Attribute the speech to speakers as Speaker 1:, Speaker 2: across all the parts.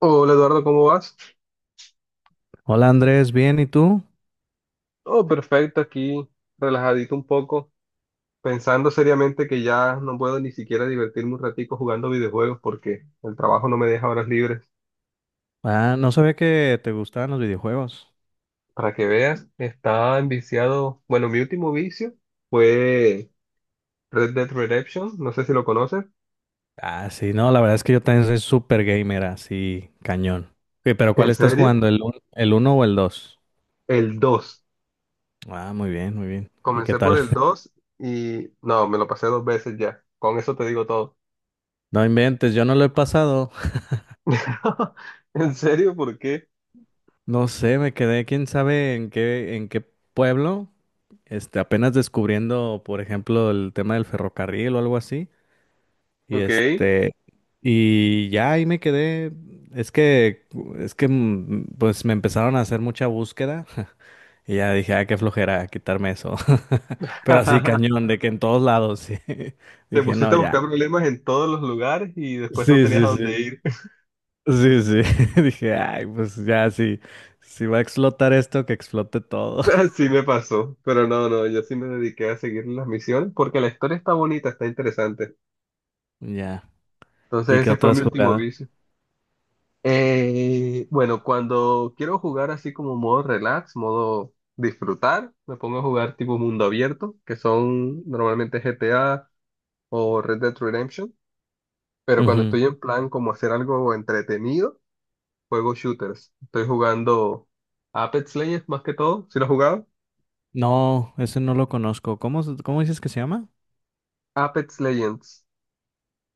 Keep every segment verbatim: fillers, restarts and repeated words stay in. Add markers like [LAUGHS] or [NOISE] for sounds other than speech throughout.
Speaker 1: Hola Eduardo, ¿cómo vas?
Speaker 2: Hola Andrés, bien, ¿y tú?
Speaker 1: Oh, perfecto, aquí relajadito un poco, pensando seriamente que ya no puedo ni siquiera divertirme un ratico jugando videojuegos porque el trabajo no me deja horas libres.
Speaker 2: Ah, no sabía que te gustaban los videojuegos.
Speaker 1: Para que veas, estaba enviciado, bueno, mi último vicio fue Red Dead Redemption, no sé si lo conoces,
Speaker 2: Ah, sí, no, la verdad es que yo también soy súper gamer, así, cañón. Ok, pero ¿cuál
Speaker 1: en
Speaker 2: estás
Speaker 1: serio,
Speaker 2: jugando? ¿El, un- el uno o el dos?
Speaker 1: el dos.
Speaker 2: Ah, muy bien, muy bien. ¿Y qué
Speaker 1: Comencé por
Speaker 2: tal?
Speaker 1: el
Speaker 2: [LAUGHS]
Speaker 1: dos y no, me lo pasé dos veces ya, con eso te digo todo.
Speaker 2: No inventes, yo no lo he pasado. [LAUGHS]
Speaker 1: [LAUGHS] ¿En serio? ¿Por qué?
Speaker 2: No sé, me quedé, quién sabe en qué, en qué pueblo. Este, apenas descubriendo, por ejemplo, el tema del ferrocarril o algo así. Y
Speaker 1: Ok.
Speaker 2: este, y ya ahí me quedé. Es que, es que, mm, pues me empezaron a hacer mucha búsqueda. [LAUGHS] Y ya dije, ah, qué flojera quitarme eso. [LAUGHS] Pero así
Speaker 1: [LAUGHS]
Speaker 2: cañón, de que en todos lados, sí. [LAUGHS]
Speaker 1: Te
Speaker 2: Dije, no,
Speaker 1: pusiste a
Speaker 2: ya.
Speaker 1: buscar problemas en todos los lugares y después no
Speaker 2: Sí,
Speaker 1: tenías
Speaker 2: sí,
Speaker 1: a dónde
Speaker 2: sí.
Speaker 1: ir. [LAUGHS]
Speaker 2: Sí, sí. [LAUGHS] Dije, ay, pues ya, sí. Si va a explotar esto, que explote todo. [LAUGHS]
Speaker 1: Así me pasó, pero no, no, yo sí me dediqué a seguir las misiones porque la historia está bonita, está interesante.
Speaker 2: Ya. ¿Y
Speaker 1: Entonces
Speaker 2: qué
Speaker 1: ese fue mi
Speaker 2: otras
Speaker 1: último
Speaker 2: jugadas?
Speaker 1: vicio. Eh, bueno, cuando quiero jugar así como modo relax, modo disfrutar, me pongo a jugar tipo mundo abierto, que son normalmente G T A o Red Dead Redemption, pero cuando
Speaker 2: Ujú.
Speaker 1: estoy en plan como hacer algo entretenido. Juego shooters. Estoy jugando Apex Legends más que todo. ¿Si lo has jugado?
Speaker 2: No, ese no lo conozco. ¿Cómo, se- cómo dices que se llama?
Speaker 1: Apex Legends.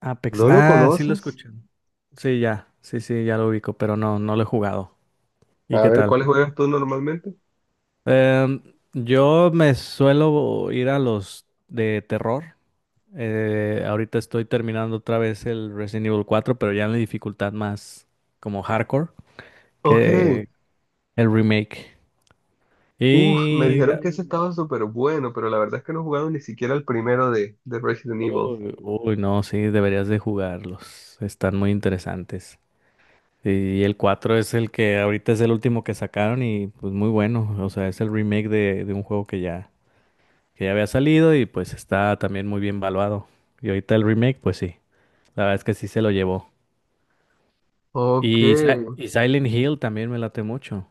Speaker 2: Apex.
Speaker 1: ¿No lo
Speaker 2: Ah, sí lo
Speaker 1: conoces?
Speaker 2: escuché. Sí, ya, sí, sí, ya lo ubico, pero no, no lo he jugado. ¿Y
Speaker 1: A
Speaker 2: qué
Speaker 1: ver,
Speaker 2: tal?
Speaker 1: ¿cuáles juegas tú normalmente?
Speaker 2: Em, yo me suelo ir a los de terror. Eh, ahorita estoy terminando otra vez el Resident Evil cuatro, pero ya en la dificultad más como hardcore
Speaker 1: Ok.
Speaker 2: que el remake.
Speaker 1: Uf, me
Speaker 2: Y,
Speaker 1: dijeron que ese Mm. estaba súper bueno, pero la verdad es que no he jugado ni siquiera el primero de, de Resident Evil.
Speaker 2: uy, uy, no, sí, deberías de jugarlos. Están muy interesantes. Y el cuatro es el que ahorita es el último que sacaron y pues muy bueno. O sea, es el remake de, de un juego que ya que ya había salido y pues está también muy bien valuado. Y ahorita el remake, pues sí, la verdad es que sí se lo llevó.
Speaker 1: Ok.
Speaker 2: Y, Si- y Silent Hill también me late mucho.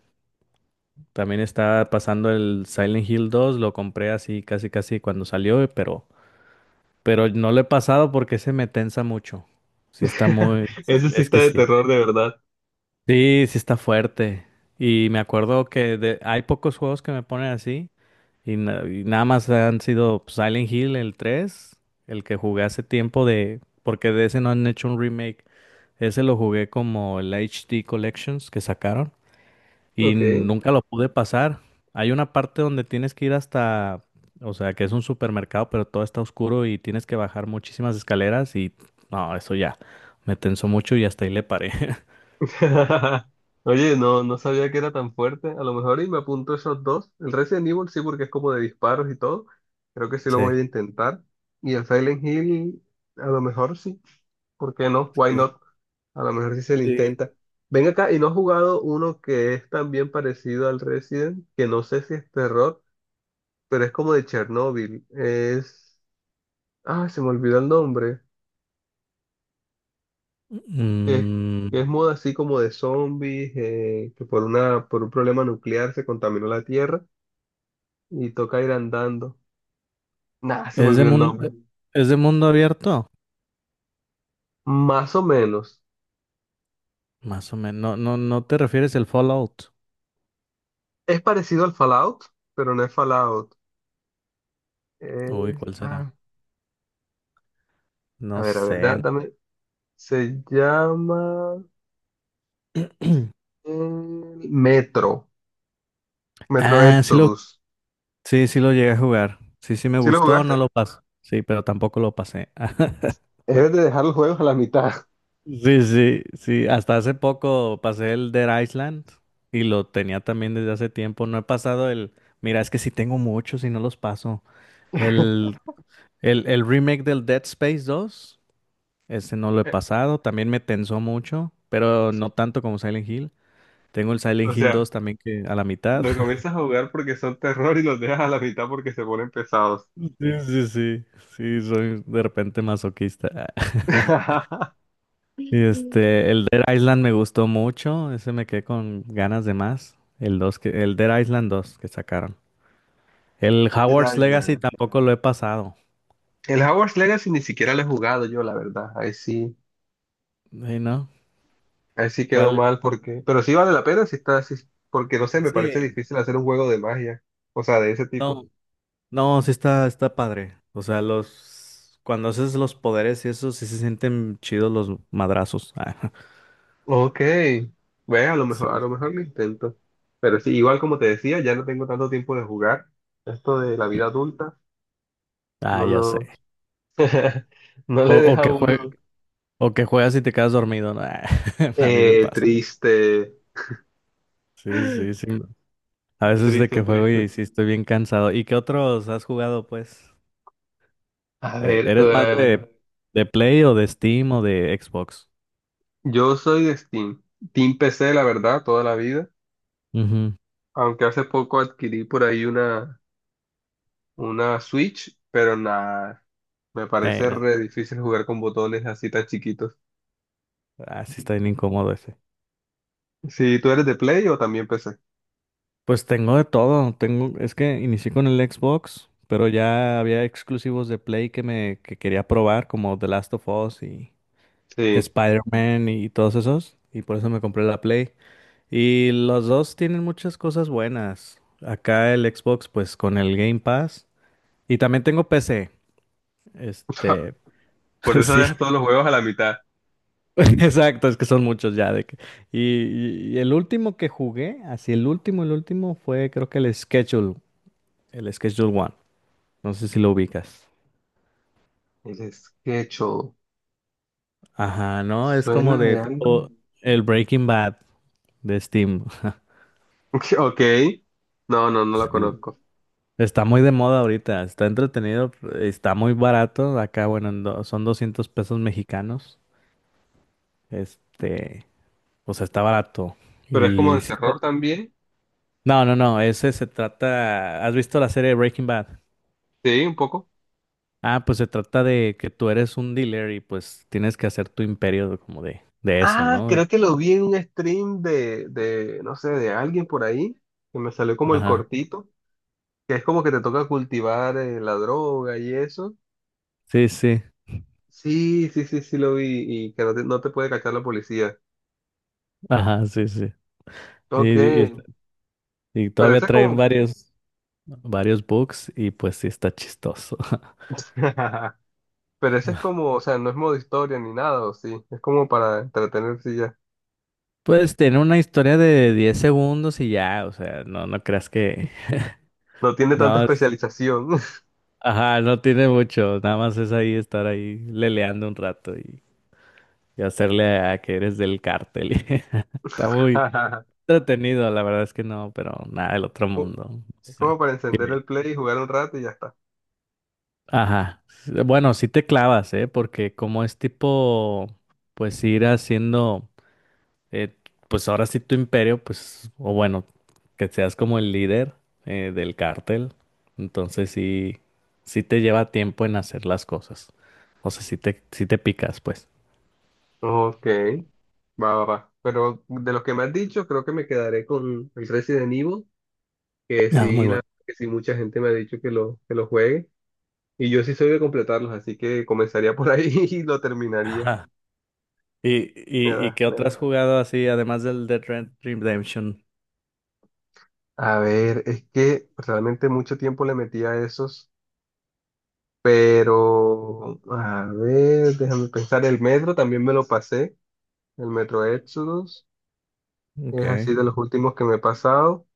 Speaker 2: También está pasando el Silent Hill dos, lo compré así casi casi cuando salió, pero, pero no lo he pasado porque se me tensa mucho. Sí está muy...
Speaker 1: [LAUGHS] Ese sí
Speaker 2: Es
Speaker 1: está
Speaker 2: que
Speaker 1: de
Speaker 2: sí.
Speaker 1: terror de verdad.
Speaker 2: Sí, sí está fuerte. Y me acuerdo que de- hay pocos juegos que me ponen así. Y, na- y nada más han sido pues, Silent Hill, el tres el que jugué hace tiempo de... Porque de ese no han hecho un remake. Ese lo jugué como el H D Collections que sacaron y
Speaker 1: Ok.
Speaker 2: nunca lo pude pasar. Hay una parte donde tienes que ir hasta, o sea, que es un supermercado, pero todo está oscuro y tienes que bajar muchísimas escaleras y no, eso ya me tensó mucho y hasta ahí le paré. [LAUGHS]
Speaker 1: [LAUGHS] Oye, no, no sabía que era tan fuerte. A lo mejor y me apunto esos dos. El Resident Evil sí, porque es como de disparos y todo. Creo que sí lo
Speaker 2: Sí.
Speaker 1: voy a intentar. Y el Silent Hill, a lo mejor sí. ¿Por qué no? Why not? A lo mejor sí se le intenta.
Speaker 2: Sí.
Speaker 1: Ven acá, y no has jugado uno que es también parecido al Resident, que no sé si es terror, pero es como de Chernobyl. Es... Ah, se me olvidó el nombre. que, que
Speaker 2: Mm,
Speaker 1: es moda así como de zombies, eh, que por una, por un problema nuclear se contaminó la Tierra y toca ir andando. Nada, se me
Speaker 2: ¿es de
Speaker 1: olvidó el
Speaker 2: mun-
Speaker 1: nombre.
Speaker 2: es de mundo abierto?
Speaker 1: Más o menos.
Speaker 2: Más o menos. No, no, no te refieres al Fallout.
Speaker 1: Es parecido al Fallout, pero no es Fallout.
Speaker 2: Uy,
Speaker 1: Es-
Speaker 2: ¿cuál será?
Speaker 1: ah, a
Speaker 2: No
Speaker 1: ver, a ver,
Speaker 2: sé.
Speaker 1: da- dame. Se llama eh, Metro, Metro
Speaker 2: Ah, sí lo,
Speaker 1: Exodus.
Speaker 2: sí, sí lo llegué a jugar. Sí, sí me
Speaker 1: ¿Sí lo
Speaker 2: gustó, no
Speaker 1: jugaste?
Speaker 2: lo pasé. Sí, pero tampoco lo pasé. [LAUGHS]
Speaker 1: Debes de dejar los juegos a la mitad.
Speaker 2: Sí, sí, sí. Hasta hace poco pasé el Dead Island y lo tenía también desde hace tiempo. No he pasado el. Mira, es que sí tengo muchos y no los paso. El, el, el remake del Dead Space dos. Ese no lo he
Speaker 1: Eh,
Speaker 2: pasado. También me tensó mucho, pero no tanto como Silent Hill. Tengo el
Speaker 1: O
Speaker 2: Silent Hill
Speaker 1: sea,
Speaker 2: dos también que a la mitad.
Speaker 1: los
Speaker 2: [LAUGHS]
Speaker 1: comienzas a jugar porque son terror y los dejas a la mitad porque se ponen pesados.
Speaker 2: Sí, sí, sí. Sí, soy de repente masoquista. [LAUGHS]
Speaker 1: [LAUGHS]
Speaker 2: Y este, el Dead Island me gustó mucho. Ese me quedé con ganas de más. El dos que, el Dead Island dos que sacaron. El
Speaker 1: Dead
Speaker 2: Howard's Legacy
Speaker 1: Island.
Speaker 2: tampoco lo he pasado.
Speaker 1: El Hogwarts Legacy ni siquiera lo he jugado yo, la verdad. Ahí sí,
Speaker 2: Sí, ¿no?
Speaker 1: ahí sí quedó
Speaker 2: ¿Cuál?
Speaker 1: mal porque, pero sí vale la pena si está así, porque no sé, me parece
Speaker 2: Sí.
Speaker 1: difícil hacer un juego de magia, o sea, de ese tipo.
Speaker 2: No, no, sí está, está padre. O sea, los cuando haces los poderes y eso, sí se sienten chidos los madrazos. [LAUGHS]
Speaker 1: Ok, ve, a lo
Speaker 2: Ah,
Speaker 1: mejor, a lo
Speaker 2: sí.
Speaker 1: mejor lo intento. Pero sí, igual como te decía, ya no tengo tanto tiempo de jugar. Esto de la vida adulta,
Speaker 2: Ah,
Speaker 1: no
Speaker 2: ya sé.
Speaker 1: lo, [LAUGHS] no
Speaker 2: O,
Speaker 1: le
Speaker 2: o
Speaker 1: deja a
Speaker 2: que jue-
Speaker 1: uno
Speaker 2: O que juegas y te quedas dormido, ¿no? [LAUGHS] A mí me
Speaker 1: eh,
Speaker 2: pasa.
Speaker 1: triste,
Speaker 2: Sí, sí, sí. A veces de que
Speaker 1: triste,
Speaker 2: juego
Speaker 1: triste.
Speaker 2: y sí estoy bien cansado. ¿Y qué otros has jugado, pues?
Speaker 1: A
Speaker 2: Eh,
Speaker 1: ver,
Speaker 2: ¿Eres más
Speaker 1: eh,
Speaker 2: de, de Play o de Steam o de Xbox?
Speaker 1: yo soy de Steam, Team P C, la verdad, toda la vida.
Speaker 2: Ujú.
Speaker 1: Aunque hace poco adquirí por ahí una, una Switch, pero nada, me
Speaker 2: Eh,
Speaker 1: parece
Speaker 2: no.
Speaker 1: re difícil jugar con botones así tan chiquitos.
Speaker 2: Ah, sí está bien incómodo ese.
Speaker 1: Si tú eres de Play o también P C.
Speaker 2: Pues tengo de todo. Tengo, es que inicié con el Xbox, pero ya había exclusivos de Play que me que quería probar, como The Last of Us y
Speaker 1: Sí,
Speaker 2: Spider-Man y todos esos. Y por eso me compré la Play. Y los dos tienen muchas cosas buenas. Acá el Xbox, pues con el Game Pass. Y también tengo P C.
Speaker 1: [LAUGHS]
Speaker 2: Este,
Speaker 1: por
Speaker 2: [LAUGHS]
Speaker 1: eso
Speaker 2: sí.
Speaker 1: dejas todos los juegos a la mitad.
Speaker 2: [LAUGHS] Exacto, es que son muchos ya de que. Y, y- y el último que jugué, así el último, el último fue creo que el Schedule, el Schedule One. No sé si lo ubicas.
Speaker 1: El Sketcho,
Speaker 2: Ajá, no, es como
Speaker 1: ¿suena
Speaker 2: de
Speaker 1: de algo?
Speaker 2: tipo
Speaker 1: [LAUGHS]
Speaker 2: el Breaking Bad de Steam. [LAUGHS]
Speaker 1: Ok, no, no, no la
Speaker 2: Sí.
Speaker 1: conozco.
Speaker 2: Está muy de moda ahorita, está entretenido, está muy barato. Acá, bueno, en do- son doscientos pesos mexicanos. Este, o sea, está barato.
Speaker 1: Pero es como
Speaker 2: Y
Speaker 1: de
Speaker 2: sí está-
Speaker 1: terror también.
Speaker 2: no, no, no, ese se trata. ¿Has visto la serie Breaking Bad?
Speaker 1: Sí, un poco.
Speaker 2: Ah, pues se trata de que tú eres un dealer y pues tienes que hacer tu imperio de- como de, de eso,
Speaker 1: Ah,
Speaker 2: ¿no? Y-
Speaker 1: creo que lo vi en un stream de, de, no sé, de alguien por ahí, que me salió como el
Speaker 2: Ajá,
Speaker 1: cortito, que es como que te toca cultivar eh, la droga y eso.
Speaker 2: sí, sí,
Speaker 1: Sí, sí, sí, sí lo vi y que no te, no te puede cachar la policía.
Speaker 2: ajá, sí, sí.
Speaker 1: Ok,
Speaker 2: Y, y-
Speaker 1: pero
Speaker 2: y todavía
Speaker 1: ese es
Speaker 2: traen
Speaker 1: como,
Speaker 2: varios, varios books y pues sí está chistoso. [LAUGHS]
Speaker 1: [LAUGHS] pero ese es como, o sea, no es modo historia ni nada, o sí, es como para entretenerse y ya.
Speaker 2: Pues tener una historia de diez segundos y ya, o sea, no, no creas que...
Speaker 1: No tiene tanta
Speaker 2: No, es-
Speaker 1: especialización.
Speaker 2: ajá, no tiene mucho, nada más es ahí estar ahí leleando un rato y, y hacerle a que eres del cártel. [LAUGHS] Está muy
Speaker 1: [LAUGHS]
Speaker 2: entretenido, la verdad es que no, pero nada del otro mundo.
Speaker 1: Es
Speaker 2: Sí.
Speaker 1: como para encender
Speaker 2: Eh,
Speaker 1: el play y jugar un rato y ya está.
Speaker 2: Ajá. Bueno, sí te clavas, ¿eh? Porque como es tipo, pues ir haciendo... eh, pues ahora sí tu imperio, pues, o bueno, que seas como el líder eh, del cártel, entonces sí, sí te lleva tiempo en hacer las cosas. O sea, sí te, sí te picas, pues.
Speaker 1: Ok, va, va, va. Pero de los que me has dicho, creo que me quedaré con el Resident Evil, que
Speaker 2: Ah, muy
Speaker 1: sí, la,
Speaker 2: bueno.
Speaker 1: que sí mucha gente me ha dicho que lo, que lo juegue. Y yo sí soy de completarlos, así que comenzaría por ahí [LAUGHS] y lo terminaría.
Speaker 2: Ajá. ¿Y,
Speaker 1: Me
Speaker 2: y, y
Speaker 1: da,
Speaker 2: qué
Speaker 1: me
Speaker 2: otras
Speaker 1: da.
Speaker 2: has jugado así, además del Dead Red Redemption?
Speaker 1: A ver, es que realmente mucho tiempo le metí a esos, pero a ver, déjame pensar. El Metro también me lo pasé, el Metro Exodus, es
Speaker 2: Okay.
Speaker 1: así de los últimos que me he pasado.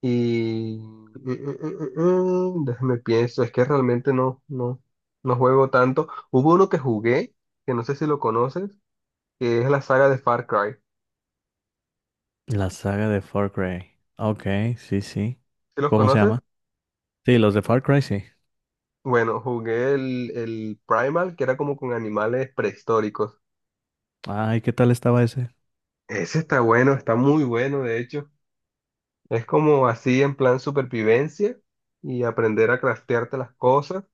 Speaker 1: Y mm, mm, mm, mm, déjame pienso, es que realmente no, no, no juego tanto. Hubo uno que jugué, que no sé si lo conoces, que es la saga de Far Cry.
Speaker 2: La saga de Far Cry. Ok, sí, sí.
Speaker 1: ¿Sí los
Speaker 2: ¿Cómo se
Speaker 1: conoces?
Speaker 2: llama? Sí, los de Far Cry, sí.
Speaker 1: Bueno, jugué el, el Primal, que era como con animales prehistóricos.
Speaker 2: Ay, ¿qué tal estaba ese?
Speaker 1: Ese está bueno, está muy bueno, de hecho. Es como así en plan supervivencia y aprender a craftearte las cosas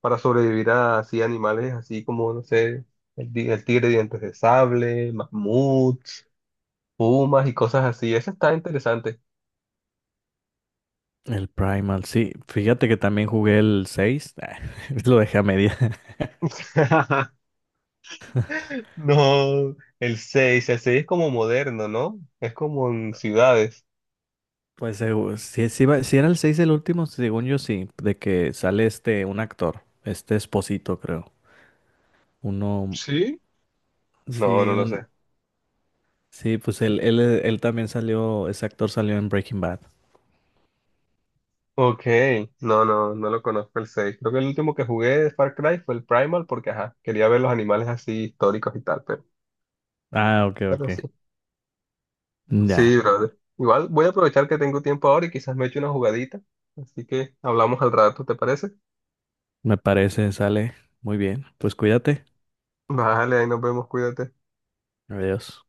Speaker 1: para sobrevivir a así animales así como, no sé, el, di- el tigre de dientes de sable, mamuts. Pumas y cosas así. Eso está interesante.
Speaker 2: El Primal, sí. Fíjate que también jugué el seis, [LAUGHS] lo dejé a media. [LAUGHS]
Speaker 1: [LAUGHS] No, el seis, el seis es como moderno, ¿no? Es como en ciudades.
Speaker 2: Pues eh, si, si, va- si era el seis el último, según yo sí, de que sale este, un actor, este Esposito creo. Uno,
Speaker 1: ¿Sí? No,
Speaker 2: sí,
Speaker 1: no lo
Speaker 2: un,
Speaker 1: sé.
Speaker 2: sí, pues él, él, él también salió, ese actor salió en Breaking Bad.
Speaker 1: Ok, no, no, no lo conozco el seis. Creo que el último que jugué de Far Cry fue el Primal porque, ajá, quería ver los animales así históricos y tal, pero,
Speaker 2: Ah, ok,
Speaker 1: pero sí.
Speaker 2: ok. Ya,
Speaker 1: Sí, brother. Igual voy a aprovechar que tengo tiempo ahora y quizás me eche una jugadita. Así que hablamos al rato, ¿te parece?
Speaker 2: me parece, sale. Muy bien, pues cuídate.
Speaker 1: Vale, ahí nos vemos, cuídate.
Speaker 2: Adiós.